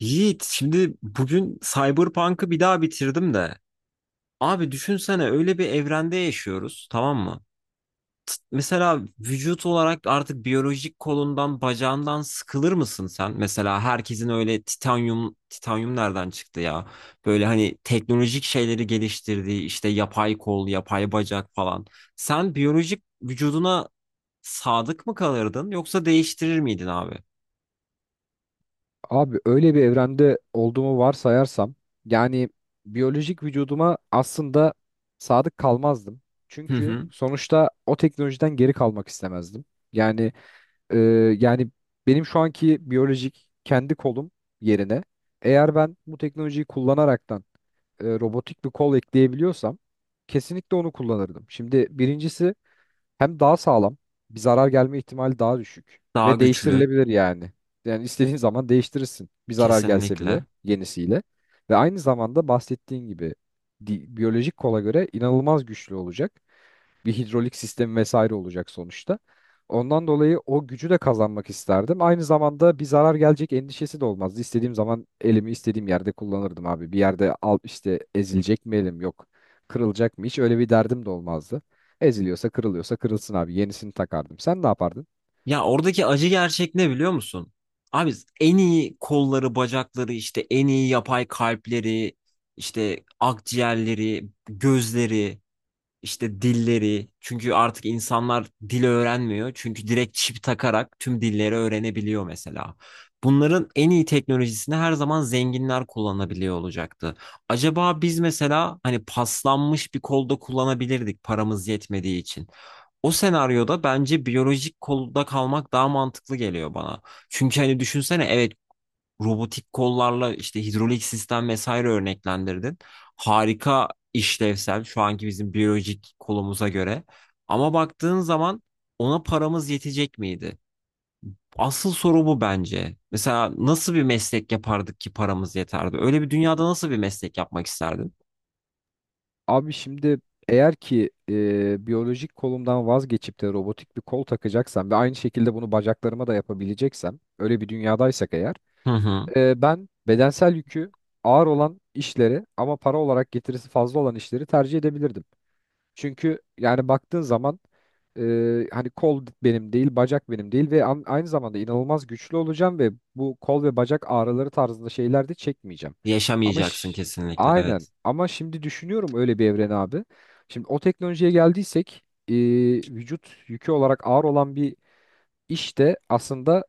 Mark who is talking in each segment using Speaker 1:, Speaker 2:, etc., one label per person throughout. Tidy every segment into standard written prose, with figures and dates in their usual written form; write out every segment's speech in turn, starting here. Speaker 1: Yiğit, şimdi bugün Cyberpunk'ı bir daha bitirdim de. Abi düşünsene öyle bir evrende yaşıyoruz, tamam mı? Mesela vücut olarak artık biyolojik kolundan, bacağından sıkılır mısın sen? Mesela herkesin öyle titanyum, titanyum nereden çıktı ya? Böyle hani teknolojik şeyleri geliştirdiği işte yapay kol, yapay bacak falan. Sen biyolojik vücuduna sadık mı kalırdın yoksa değiştirir miydin abi?
Speaker 2: Abi öyle bir evrende olduğumu varsayarsam yani biyolojik vücuduma aslında sadık kalmazdım.
Speaker 1: Hı
Speaker 2: Çünkü
Speaker 1: hı.
Speaker 2: sonuçta o teknolojiden geri kalmak istemezdim. Yani e, yani benim şu anki biyolojik kendi kolum yerine eğer ben bu teknolojiyi kullanaraktan robotik bir kol ekleyebiliyorsam kesinlikle onu kullanırdım. Şimdi birincisi hem daha sağlam, bir zarar gelme ihtimali daha düşük
Speaker 1: Daha
Speaker 2: ve
Speaker 1: güçlü,
Speaker 2: değiştirilebilir yani. Yani istediğin zaman değiştirirsin. Bir zarar gelse bile
Speaker 1: kesinlikle.
Speaker 2: yenisiyle. Ve aynı zamanda bahsettiğin gibi biyolojik kola göre inanılmaz güçlü olacak. Bir hidrolik sistemi vesaire olacak sonuçta. Ondan dolayı o gücü de kazanmak isterdim. Aynı zamanda bir zarar gelecek endişesi de olmazdı. İstediğim zaman elimi istediğim yerde kullanırdım abi. Bir yerde al işte ezilecek mi elim yok. Kırılacak mı hiç öyle bir derdim de olmazdı. Eziliyorsa kırılıyorsa kırılsın abi. Yenisini takardım. Sen ne yapardın?
Speaker 1: Ya oradaki acı gerçek ne biliyor musun? Abi en iyi kolları, bacakları, işte en iyi yapay kalpleri, işte akciğerleri, gözleri, işte dilleri. Çünkü artık insanlar dil öğrenmiyor. Çünkü direkt çip takarak tüm dilleri öğrenebiliyor mesela. Bunların en iyi teknolojisini her zaman zenginler kullanabiliyor olacaktı. Acaba biz mesela hani paslanmış bir kolda kullanabilirdik paramız yetmediği için. O senaryoda bence biyolojik kolda kalmak daha mantıklı geliyor bana. Çünkü hani düşünsene evet robotik kollarla işte hidrolik sistem vesaire örneklendirdin. Harika işlevsel şu anki bizim biyolojik kolumuza göre. Ama baktığın zaman ona paramız yetecek miydi? Asıl soru bu bence. Mesela nasıl bir meslek yapardık ki paramız yeterdi? Öyle bir dünyada nasıl bir meslek yapmak isterdin?
Speaker 2: Abi şimdi eğer ki biyolojik kolumdan vazgeçip de robotik bir kol takacaksam ve aynı şekilde bunu bacaklarıma da yapabileceksem öyle bir dünyadaysak eğer
Speaker 1: Hı hı.
Speaker 2: Ben bedensel yükü ağır olan işleri ama para olarak getirisi fazla olan işleri tercih edebilirdim. Çünkü yani baktığın zaman e, hani kol benim değil, bacak benim değil ve aynı zamanda inanılmaz güçlü olacağım ve bu kol ve bacak ağrıları tarzında şeyler de çekmeyeceğim. Ama
Speaker 1: Yaşamayacaksın
Speaker 2: ş-
Speaker 1: kesinlikle.
Speaker 2: aynen
Speaker 1: Evet.
Speaker 2: ama şimdi düşünüyorum öyle bir evren abi. Şimdi o teknolojiye geldiysek vücut yükü olarak ağır olan bir iş de aslında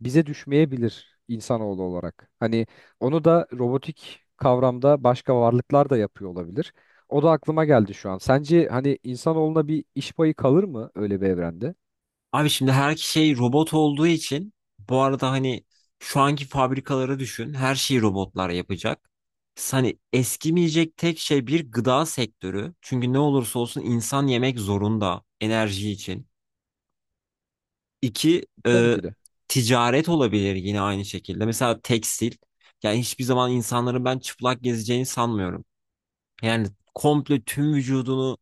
Speaker 2: bize düşmeyebilir insanoğlu olarak. Hani onu da robotik kavramda başka varlıklar da yapıyor olabilir. O da aklıma geldi şu an. Sence hani insanoğluna bir iş payı kalır mı öyle bir evrende?
Speaker 1: Abi şimdi her şey robot olduğu için bu arada hani şu anki fabrikaları düşün. Her şeyi robotlar yapacak. Hani eskimeyecek tek şey bir gıda sektörü. Çünkü ne olursa olsun insan yemek zorunda enerji için. İki
Speaker 2: Tabii
Speaker 1: e,
Speaker 2: ki de.
Speaker 1: ticaret olabilir yine aynı şekilde. Mesela tekstil. Yani hiçbir zaman insanların ben çıplak gezeceğini sanmıyorum. Yani komple tüm vücudunu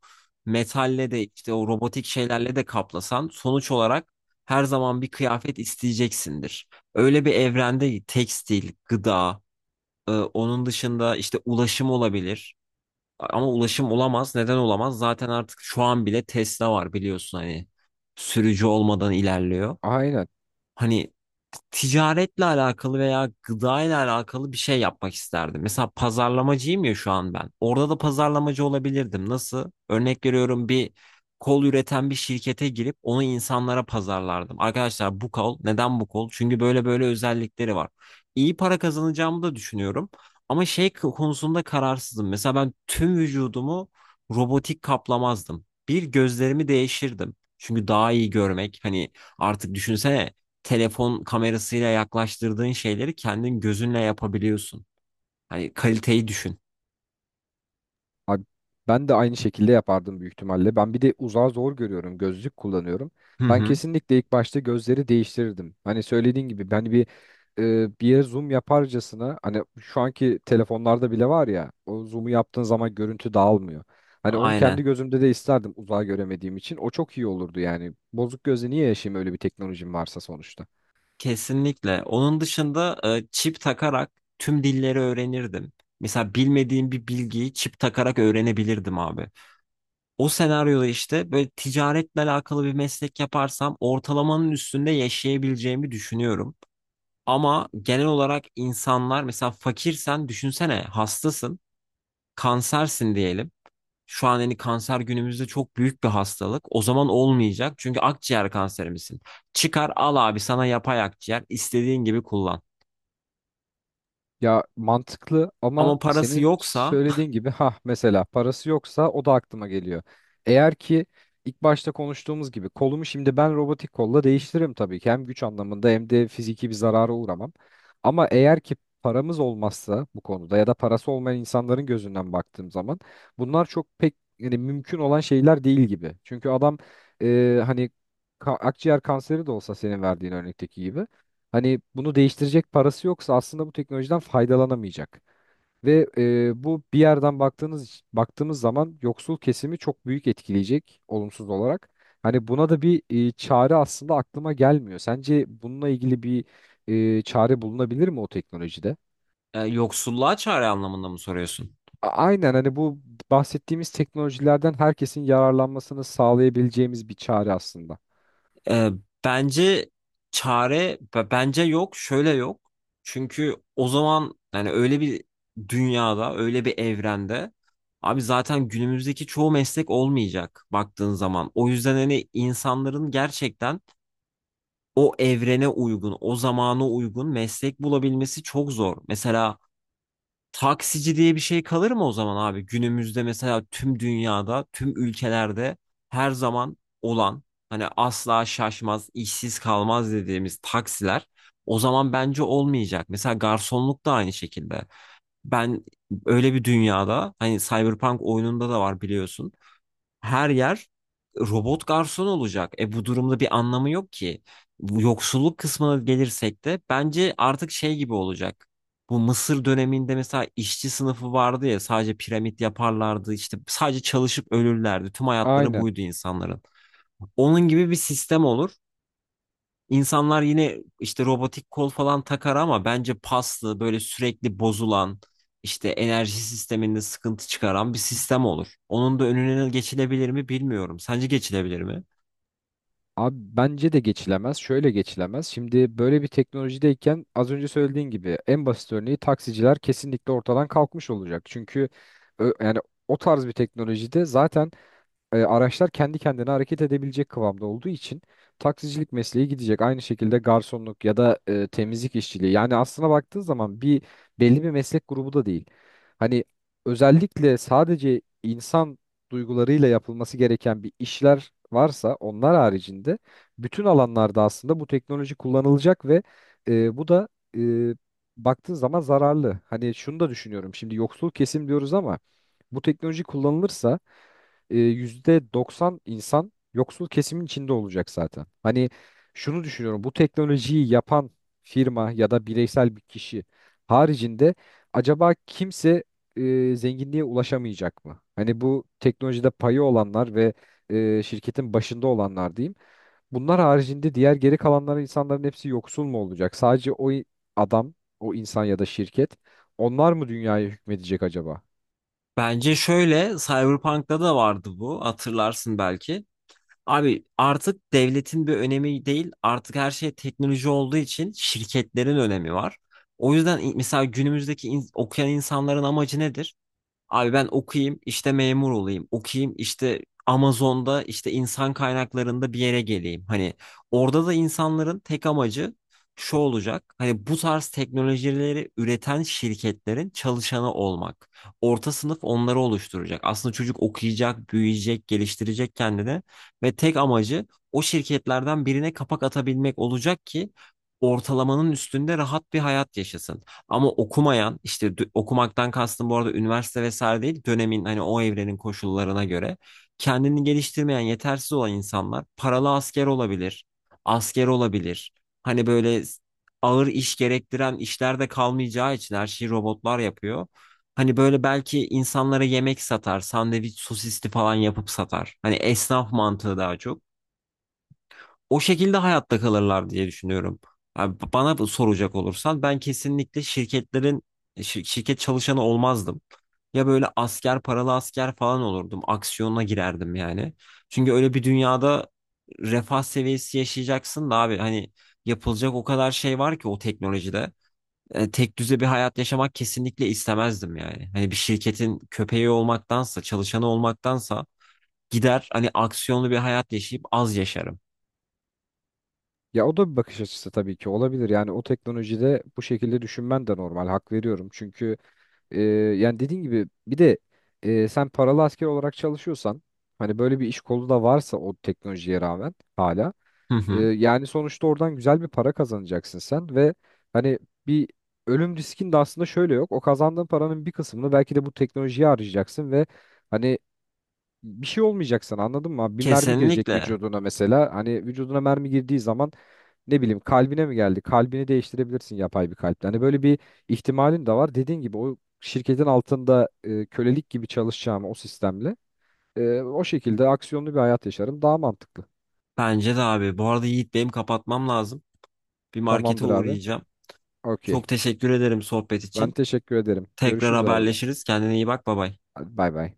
Speaker 1: metalle de işte o robotik şeylerle de kaplasan sonuç olarak her zaman bir kıyafet isteyeceksindir. Öyle bir evrende tekstil, gıda, onun dışında işte ulaşım olabilir. Ama ulaşım olamaz. Neden olamaz? Zaten artık şu an bile Tesla var biliyorsun hani sürücü olmadan ilerliyor.
Speaker 2: Aynen.
Speaker 1: Hani ticaretle alakalı veya gıdayla alakalı bir şey yapmak isterdim. Mesela pazarlamacıyım ya şu an ben. Orada da pazarlamacı olabilirdim. Nasıl? Örnek veriyorum bir kol üreten bir şirkete girip onu insanlara pazarlardım. Arkadaşlar bu kol, neden bu kol? Çünkü böyle böyle özellikleri var. İyi para kazanacağımı da düşünüyorum. Ama şey konusunda kararsızım. Mesela ben tüm vücudumu robotik kaplamazdım. Bir gözlerimi değişirdim. Çünkü daha iyi görmek hani artık düşünsene telefon kamerasıyla yaklaştırdığın şeyleri kendin gözünle yapabiliyorsun. Hani kaliteyi düşün.
Speaker 2: Abi ben de aynı şekilde yapardım büyük ihtimalle. Ben bir de uzağı zor görüyorum. Gözlük kullanıyorum.
Speaker 1: Hı
Speaker 2: Ben
Speaker 1: hı.
Speaker 2: kesinlikle ilk başta gözleri değiştirirdim. Hani söylediğin gibi ben bir bir yere zoom yaparcasına, hani şu anki telefonlarda bile var ya, o zoom'u yaptığın zaman görüntü dağılmıyor. Hani onu kendi
Speaker 1: Aynen.
Speaker 2: gözümde de isterdim uzağı göremediğim için. O çok iyi olurdu yani. Bozuk gözle niye yaşayayım öyle bir teknolojim varsa sonuçta.
Speaker 1: Kesinlikle. Onun dışında çip takarak tüm dilleri öğrenirdim. Mesela bilmediğim bir bilgiyi çip takarak öğrenebilirdim abi. O senaryoda işte böyle ticaretle alakalı bir meslek yaparsam ortalamanın üstünde yaşayabileceğimi düşünüyorum. Ama genel olarak insanlar mesela fakirsen düşünsene hastasın, kansersin diyelim. Şu an hani kanser günümüzde çok büyük bir hastalık. O zaman olmayacak. Çünkü akciğer kanserimizin. Çıkar al abi sana yapay akciğer. İstediğin gibi kullan.
Speaker 2: Ya mantıklı ama
Speaker 1: Ama parası
Speaker 2: senin
Speaker 1: yoksa
Speaker 2: söylediğin gibi ha mesela parası yoksa o da aklıma geliyor. Eğer ki ilk başta konuştuğumuz gibi kolumu şimdi ben robotik kolla değiştiririm tabii ki. Hem güç anlamında hem de fiziki bir zarara uğramam. Ama eğer ki paramız olmazsa bu konuda ya da parası olmayan insanların gözünden baktığım zaman bunlar çok pek yani mümkün olan şeyler değil gibi. Çünkü adam hani akciğer kanseri de olsa senin verdiğin örnekteki gibi hani bunu değiştirecek parası yoksa aslında bu teknolojiden faydalanamayacak. Ve bu bir yerden baktığımız zaman yoksul kesimi çok büyük etkileyecek olumsuz olarak. Hani buna da bir çare aslında aklıma gelmiyor. Sence bununla ilgili bir çare bulunabilir mi o teknolojide?
Speaker 1: yoksulluğa çare anlamında mı soruyorsun?
Speaker 2: Aynen, hani bu bahsettiğimiz teknolojilerden herkesin yararlanmasını sağlayabileceğimiz bir çare aslında.
Speaker 1: E, bence çare bence yok. Şöyle yok. Çünkü o zaman yani öyle bir dünyada, öyle bir evrende abi zaten günümüzdeki çoğu meslek olmayacak baktığın zaman. O yüzden hani insanların gerçekten o evrene uygun, o zamana uygun meslek bulabilmesi çok zor. Mesela taksici diye bir şey kalır mı o zaman abi? Günümüzde mesela tüm dünyada, tüm ülkelerde her zaman olan hani asla şaşmaz, işsiz kalmaz dediğimiz taksiler o zaman bence olmayacak. Mesela garsonluk da aynı şekilde. Ben öyle bir dünyada hani Cyberpunk oyununda da var biliyorsun her yer robot garson olacak. E, bu durumda bir anlamı yok ki. Bu yoksulluk kısmına gelirsek de bence artık şey gibi olacak. Bu Mısır döneminde mesela işçi sınıfı vardı ya sadece piramit yaparlardı işte sadece çalışıp ölürlerdi. Tüm hayatları
Speaker 2: Aynen.
Speaker 1: buydu insanların. Onun gibi bir sistem olur. İnsanlar yine işte robotik kol falan takar ama bence paslı, böyle sürekli bozulan, işte enerji sisteminde sıkıntı çıkaran bir sistem olur. Onun da önüne geçilebilir mi bilmiyorum. Sence geçilebilir mi?
Speaker 2: Abi bence de geçilemez. Şöyle geçilemez. Şimdi böyle bir teknolojideyken az önce söylediğin gibi en basit örneği taksiciler kesinlikle ortadan kalkmış olacak. Çünkü yani o tarz bir teknolojide zaten araçlar kendi kendine hareket edebilecek kıvamda olduğu için taksicilik mesleği gidecek. Aynı şekilde garsonluk ya da temizlik işçiliği. Yani aslına baktığın zaman bir belli bir meslek grubu da değil. Hani özellikle sadece insan duygularıyla yapılması gereken bir işler varsa onlar haricinde bütün alanlarda aslında bu teknoloji kullanılacak ve bu da e, baktığın zaman zararlı. Hani şunu da düşünüyorum. Şimdi yoksul kesim diyoruz ama bu teknoloji kullanılırsa %90 insan yoksul kesimin içinde olacak zaten. Hani şunu düşünüyorum: bu teknolojiyi yapan firma ya da bireysel bir kişi haricinde acaba kimse zenginliğe ulaşamayacak mı? Hani bu teknolojide payı olanlar ve şirketin başında olanlar diyeyim. Bunlar haricinde diğer geri kalanların insanların hepsi yoksul mu olacak? Sadece o adam, o insan ya da şirket, onlar mı dünyaya hükmedecek acaba?
Speaker 1: Bence şöyle, Cyberpunk'ta da vardı bu. Hatırlarsın belki. Abi artık devletin bir önemi değil, artık her şey teknoloji olduğu için şirketlerin önemi var. O yüzden mesela günümüzdeki okuyan insanların amacı nedir? Abi ben okuyayım işte memur olayım. Okuyayım işte Amazon'da işte insan kaynaklarında bir yere geleyim. Hani orada da insanların tek amacı şu olacak. Hani bu tarz teknolojileri üreten şirketlerin çalışanı olmak. Orta sınıf onları oluşturacak. Aslında çocuk okuyacak, büyüyecek, geliştirecek kendini ve tek amacı o şirketlerden birine kapak atabilmek olacak ki ortalamanın üstünde rahat bir hayat yaşasın. Ama okumayan işte okumaktan kastım bu arada üniversite vesaire değil dönemin hani o evrenin koşullarına göre kendini geliştirmeyen yetersiz olan insanlar paralı asker olabilir, asker olabilir. Hani böyle ağır iş gerektiren işler de kalmayacağı için her şeyi robotlar yapıyor. Hani böyle belki insanlara yemek satar, sandviç sosisli falan yapıp satar. Hani esnaf mantığı daha çok o şekilde hayatta kalırlar diye düşünüyorum. Abi bana bu soracak olursan ben kesinlikle şirketlerin şirket çalışanı olmazdım. Ya böyle asker paralı asker falan olurdum. Aksiyona girerdim yani. Çünkü öyle bir dünyada refah seviyesi yaşayacaksın da abi hani yapılacak o kadar şey var ki o teknolojide. E, tek düze bir hayat yaşamak kesinlikle istemezdim yani. Hani bir şirketin köpeği olmaktansa, çalışanı olmaktansa gider hani aksiyonlu bir hayat yaşayıp az yaşarım.
Speaker 2: Ya o da bir bakış açısı tabii ki olabilir. Yani o teknolojide bu şekilde düşünmen de normal. Hak veriyorum. Çünkü e, yani dediğin gibi bir de sen paralı asker olarak çalışıyorsan, hani böyle bir iş kolu da varsa o teknolojiye rağmen hala,
Speaker 1: Hı hı.
Speaker 2: yani sonuçta oradan güzel bir para kazanacaksın sen ve hani bir ölüm riskin de aslında şöyle yok. O kazandığın paranın bir kısmını belki de bu teknolojiye harcayacaksın ve hani bir şey olmayacak sana, anladın mı? Bir mermi girecek
Speaker 1: Kesinlikle.
Speaker 2: vücuduna mesela. Hani vücuduna mermi girdiği zaman ne bileyim kalbine mi geldi? Kalbini değiştirebilirsin yapay bir kalple. Hani böyle bir ihtimalin de var. Dediğin gibi o şirketin altında kölelik gibi çalışacağım o sistemle. O şekilde aksiyonlu bir hayat yaşarım. Daha mantıklı.
Speaker 1: Bence de abi. Bu arada Yiğit benim kapatmam lazım. Bir markete
Speaker 2: Tamamdır abi.
Speaker 1: uğrayacağım.
Speaker 2: Okey.
Speaker 1: Çok teşekkür ederim sohbet
Speaker 2: Ben
Speaker 1: için.
Speaker 2: teşekkür ederim.
Speaker 1: Tekrar
Speaker 2: Görüşürüz abi o zaman.
Speaker 1: haberleşiriz. Kendine iyi bak. Bay bay.
Speaker 2: Hadi bay bay.